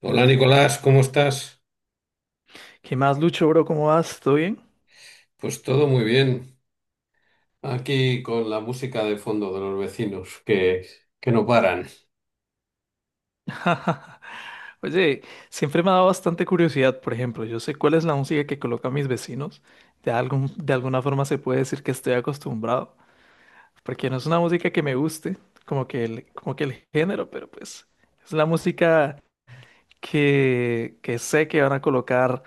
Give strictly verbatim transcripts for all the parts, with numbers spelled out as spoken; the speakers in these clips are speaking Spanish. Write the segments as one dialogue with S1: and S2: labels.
S1: Hola Nicolás, ¿cómo estás?
S2: ¿Qué más, Lucho, bro? ¿Cómo vas? ¿Todo bien?
S1: Pues todo muy bien. Aquí con la música de fondo de los vecinos que, que no paran.
S2: Oye, siempre me ha dado bastante curiosidad. Por ejemplo, yo sé cuál es la música que colocan mis vecinos, de algún, de alguna forma se puede decir que estoy acostumbrado, porque no es una música que me guste, como que el, como que el género, pero pues es la música que, que sé que van a colocar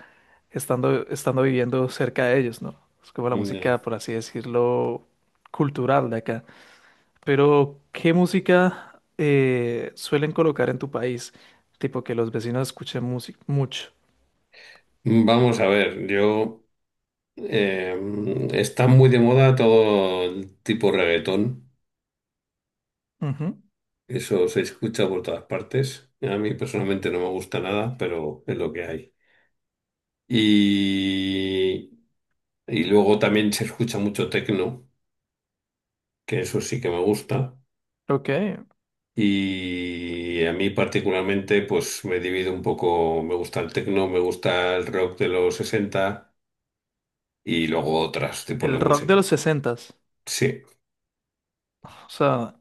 S2: estando, estando viviendo cerca de ellos, ¿no? Es como la
S1: Ya.
S2: música, por así decirlo, cultural de acá. Pero, ¿qué música eh, suelen colocar en tu país? Tipo que los vecinos escuchen música mucho.
S1: Vamos a ver, yo eh, está muy de moda todo el tipo reggaetón.
S2: Ujú.
S1: Eso se escucha por todas partes. A mí personalmente no me gusta nada, pero es lo que hay. Y, y luego también se escucha mucho tecno, que eso sí que me gusta.
S2: Ok,
S1: Y a mí particularmente, pues me divido un poco, me gusta el techno, me gusta el rock de los sesenta y luego otros tipos de
S2: el rock de
S1: música.
S2: los sesentas.
S1: Sí.
S2: O sea,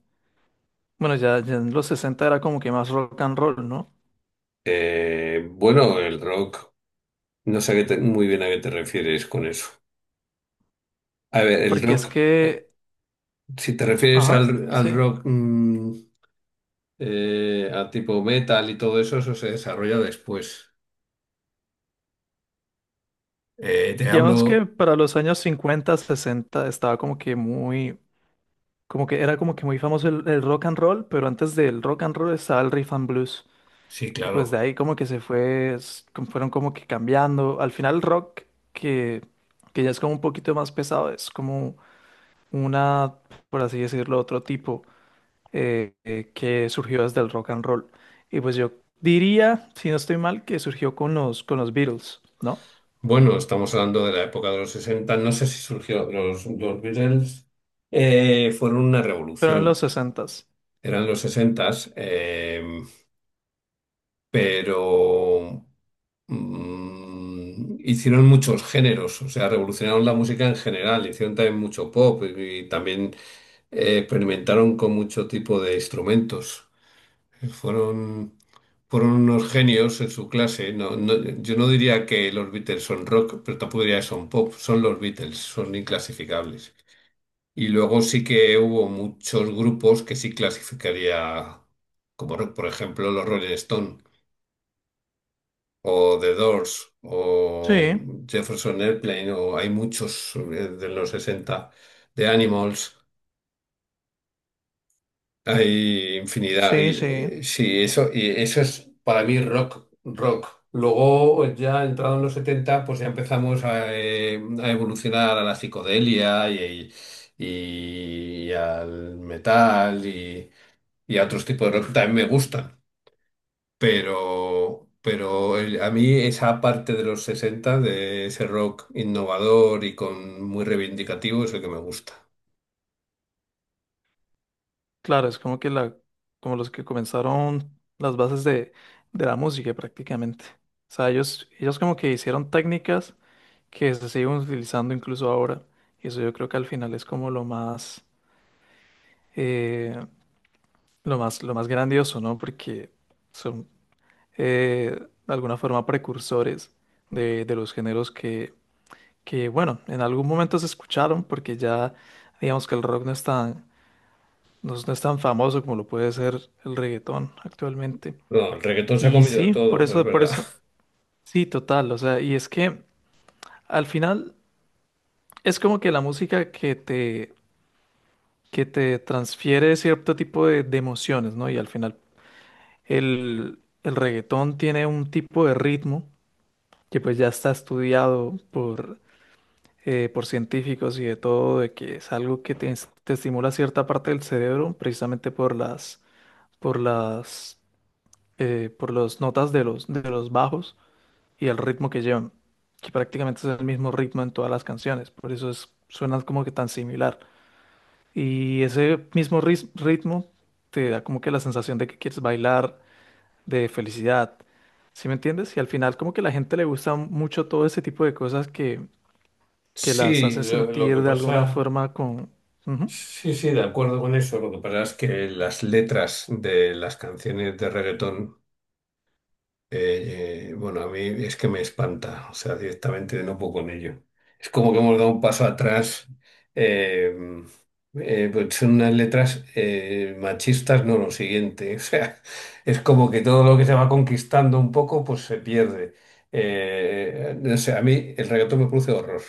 S2: bueno, ya, ya en los sesenta era como que más rock and roll, ¿no?
S1: Eh, bueno, el rock, no sé a qué te- muy bien a qué te refieres con eso. A ver, el
S2: Porque es
S1: rock, eh,
S2: que,
S1: si te refieres
S2: ajá,
S1: al, al
S2: sí.
S1: rock mm, eh, a tipo metal y todo eso, eso se desarrolla después. Eh, te
S2: Digamos que
S1: hablo,
S2: para los años cincuenta sesenta estaba como que muy, como que era como que muy famoso el, el rock and roll, pero antes del rock and roll estaba el riff and blues.
S1: sí,
S2: Y pues de
S1: claro.
S2: ahí como que se fue, s- como fueron como que cambiando. Al final el rock, que, que ya es como un poquito más pesado, es como una, por así decirlo, otro tipo eh, eh, que surgió desde el rock and roll. Y pues yo diría, si no estoy mal, que surgió con los, con los Beatles, ¿no?
S1: Bueno, estamos hablando de la época de los sesenta. No sé si surgió. Los, los Beatles eh, fueron una
S2: Pero en los
S1: revolución.
S2: sesentas.
S1: Eran los sesenta, pero mm, hicieron muchos géneros. O sea, revolucionaron la música en general. Hicieron también mucho pop y, y también eh, experimentaron con mucho tipo de instrumentos. Fueron, fueron unos genios en su clase. No, no- yo no diría que los Beatles son rock, pero tampoco diría que son pop. Son los Beatles, son inclasificables. Y luego sí que hubo muchos grupos que sí clasificaría como rock, por ejemplo, los Rolling Stone o The Doors o
S2: Sí,
S1: Jefferson Airplane o hay muchos eh, de los sesenta de Animals. Hay infinidad. Y,
S2: sí, sí.
S1: eh, sí, eso, y eso es para mí rock, rock. Luego, pues ya entrado en los setenta pues ya empezamos a, eh, a evolucionar a la psicodelia y, y al metal y, y a otros tipos de rock que también me gustan. Pero, pero el- a mí esa parte de los sesenta de ese rock innovador y con muy reivindicativo, es el que me gusta.
S2: Claro, es como que la, como los que comenzaron las bases de, de la música prácticamente. O sea, ellos, ellos como que hicieron técnicas que se siguen utilizando incluso ahora. Y eso yo creo que al final es como lo más, eh, lo más, lo más grandioso, ¿no? Porque son eh, de alguna forma precursores de, de los géneros que, que, bueno, en algún momento se escucharon porque ya digamos que el rock no es tan, no, es no es tan famoso como lo puede ser el reggaetón actualmente.
S1: No, el reggaetón se ha
S2: Y
S1: comido
S2: sí, por
S1: todo, es
S2: eso, por
S1: verdad.
S2: eso, sí, total. O sea, y es que al final es como que la música que te que te transfiere cierto tipo de, de emociones, ¿no? Y al final el, el reggaetón tiene un tipo de ritmo que pues ya está estudiado por, eh, por científicos y de todo, de que es algo que te, es- te estimula cierta parte del cerebro precisamente por las, por las, eh, por las notas de los, de los bajos y el ritmo que llevan, que prácticamente es el mismo ritmo en todas las canciones, por eso es, suenan como que tan similar. Y ese mismo ris- ritmo te da como que la sensación de que quieres bailar, de felicidad. ¿Sí me entiendes? Y al final como que a la gente le gusta mucho todo ese tipo de cosas que, que las
S1: Sí,
S2: hacen
S1: lo, lo
S2: sentir
S1: que
S2: de alguna
S1: pasa,
S2: forma con... Ujú.
S1: sí, sí, de acuerdo con eso. Lo que pasa es que las letras de las canciones de reggaetón, eh, eh, bueno, a mí es que me espanta, o sea, directamente no puedo con ello. Es como que hemos dado un paso atrás. eh, eh, pues son unas letras eh, machistas, no lo siguiente. O sea, es como que todo lo que se va conquistando un poco, pues se pierde. Eh, no sé, a mí el reggaetón me produce horror.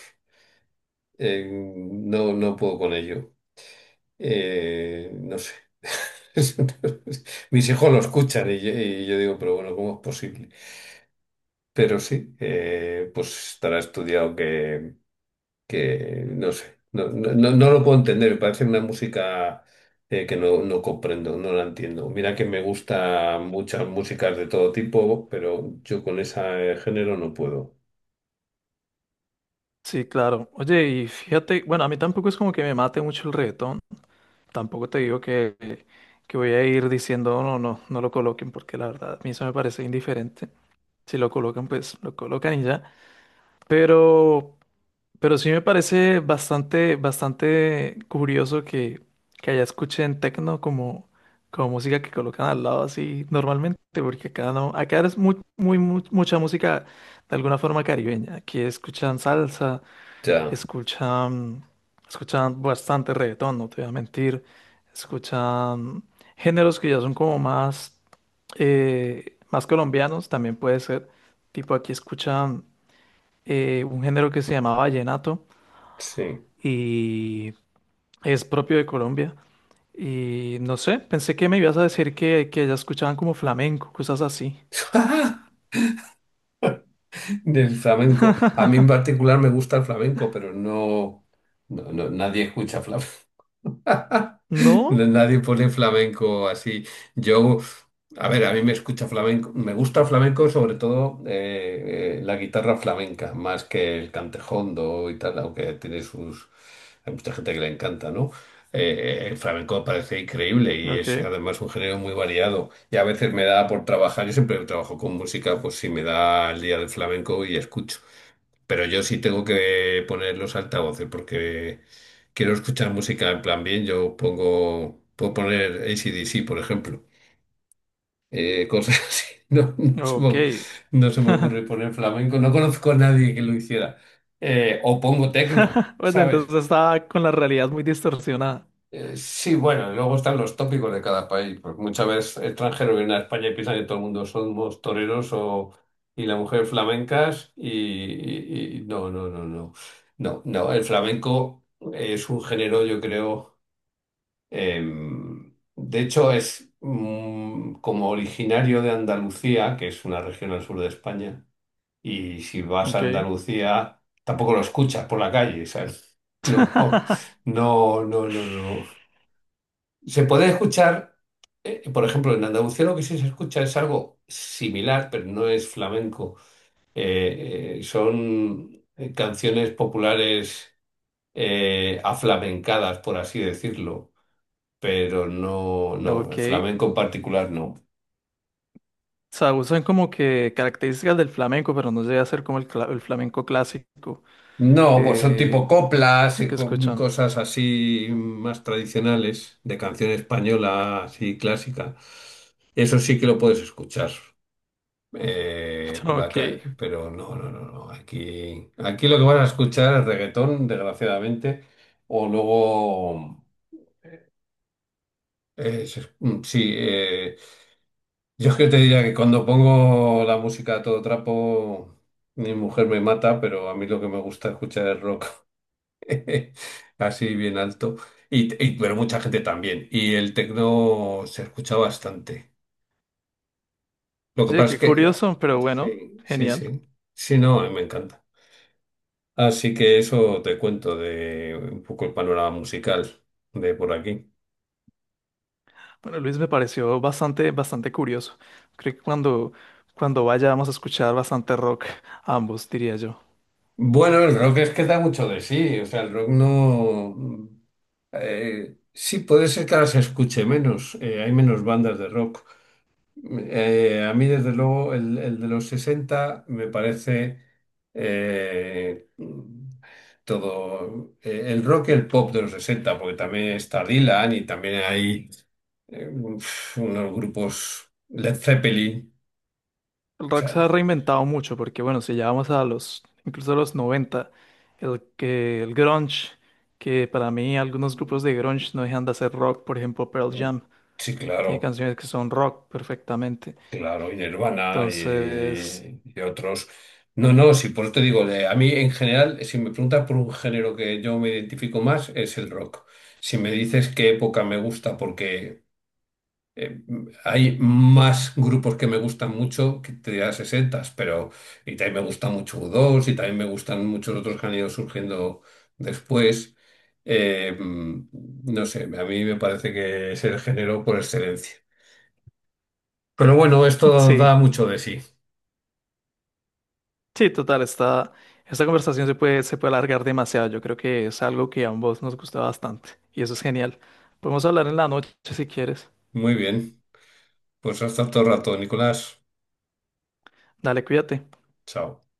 S1: Eh, no, no puedo con ello. Eh, no sé. Mis hijos lo escuchan y yo, y yo digo, pero bueno, ¿cómo es posible? Pero sí, eh, pues estará estudiado que, que no sé. No, no, no- no lo puedo entender. Me parece una música eh, que no, no comprendo, no la entiendo. Mira que me gustan muchas músicas de todo tipo, pero yo con ese género no puedo.
S2: Sí, claro. Oye, y fíjate, bueno, a mí tampoco es como que me mate mucho el reggaetón. Tampoco te digo que, que voy a ir diciendo, no, no, no no lo coloquen, porque la verdad a mí eso me parece indiferente. Si lo colocan, pues lo colocan y ya. Pero... Pero sí me parece bastante, bastante curioso que, que allá escuchen techno como, como música que colocan al lado así normalmente, porque acá no, acá es muy, muy, mu- mucha música de alguna forma caribeña. Aquí escuchan salsa,
S1: Ya,
S2: escuchan, escuchan bastante reggaetón, no te voy a mentir, escuchan géneros que ya son como más, eh, más colombianos, también puede ser. Tipo aquí escuchan eh, un género que se llama vallenato
S1: sí.
S2: y es propio de Colombia. Y no sé, pensé que me ibas a decir que, que ya escuchaban como flamenco, cosas así.
S1: Del flamenco. A mí en particular me gusta el flamenco, pero no, no, no- nadie escucha flamenco.
S2: ¿No?
S1: Nadie pone flamenco así. Yo, a ver, a mí me escucha flamenco, me gusta flamenco sobre todo eh, eh, la guitarra flamenca, más que el cantejondo y tal, aunque tiene sus... Hay mucha gente que le encanta, ¿no? Eh, eh, el flamenco parece increíble y
S2: Ok,
S1: es además un género muy variado. Y a veces me da por trabajar, yo siempre trabajo con música, pues si me da el día del flamenco y escucho. Pero yo sí tengo que poner los altavoces porque quiero escuchar música en plan bien. Yo pongo, puedo poner A C/D C, por ejemplo. Eh, cosas así. No, no se me,
S2: ok.
S1: no se me ocurre poner flamenco. No conozco a nadie que lo hiciera. Eh, o pongo tecno,
S2: Bueno,
S1: ¿sabes?
S2: entonces estaba con la realidad muy distorsionada.
S1: Eh, sí, bueno, y luego están los tópicos de cada país, porque muchas veces extranjeros vienen a España y piensan que todo el mundo somos toreros o, y la mujer flamencas y, y- y no, no, no, no, no, no, el flamenco es un género, yo creo, em, de hecho es mm, como originario de Andalucía, que es una región al sur de España, y si vas a
S2: Ok.
S1: Andalucía tampoco lo escuchas por la calle, ¿sabes? No, no, no, no, no. Se pueden escuchar, eh, por ejemplo, en Andalucía lo que sí se escucha es algo similar, pero no es flamenco. Eh, eh, son eh, canciones populares eh, aflamencadas, por así decirlo, pero no, no,
S2: Ok.
S1: el flamenco en particular no.
S2: O sea, usan como que características del flamenco, pero no llega a ser como el, cla- el flamenco clásico.
S1: No, pues son
S2: Eh,
S1: tipo coplas
S2: lo
S1: y
S2: que
S1: co-
S2: escuchan.
S1: cosas así más tradicionales, de canción española así clásica. Eso sí que lo puedes escuchar. Eh, por la calle,
S2: Ok.
S1: pero no, no, no, no. Aquí, aquí lo que van a escuchar es reggaetón, desgraciadamente, o luego, eh, se- mm, sí, eh, yo es que te diría que cuando pongo la música a todo trapo, mi mujer me mata, pero a mí lo que me gusta escuchar es rock, así bien alto, y, y- pero mucha gente también, y el tecno se escucha bastante. Lo que
S2: Sí,
S1: pasa es
S2: qué
S1: que,
S2: curioso, pero bueno,
S1: sí, sí,
S2: genial.
S1: sí, sí, no, me encanta. Así que eso te cuento de un poco el panorama musical de por aquí.
S2: Bueno, Luis, me pareció bastante, bastante curioso. Creo que cuando, cuando vayamos a escuchar bastante rock, ambos, diría yo.
S1: Bueno, el rock es que da mucho de sí, o sea, el rock no... eh, sí, puede ser que ahora se escuche menos, eh, hay menos bandas de rock. Eh, a mí, desde luego, el, el de los sesenta me parece eh, todo eh, el rock y el pop de los sesenta, porque también está Dylan y también hay eh, uf, unos grupos Led Zeppelin.
S2: El
S1: O
S2: rock se ha
S1: sea,
S2: reinventado mucho porque, bueno, si ya vamos a los, incluso a los noventa, el que, el grunge, que para mí algunos grupos de grunge no dejan de hacer rock, por ejemplo, Pearl
S1: mm,
S2: Jam,
S1: sí,
S2: tiene
S1: claro,
S2: canciones que son rock perfectamente.
S1: claro, y Nirvana
S2: Entonces,
S1: y, y otros. No, no, sí, por eso te digo, de- a mí en general, si me preguntas por un género que yo me identifico más, es el rock. Si me dices qué época me gusta, porque eh, hay más grupos que me gustan mucho que te dirá sesenta, pero y también me gusta mucho u dos y también me gustan muchos otros que han ido surgiendo después. Eh, mm, no sé, a mí me parece que es el género por excelencia. Pero bueno, esto
S2: sí.
S1: da mucho de sí.
S2: Sí, total, esta, esta conversación se puede, se puede alargar demasiado. Yo creo que es algo que a ambos nos gusta bastante y eso es genial. Podemos hablar en la noche si quieres.
S1: Muy bien. Pues hasta otro rato, Nicolás.
S2: Dale, cuídate.
S1: Chao.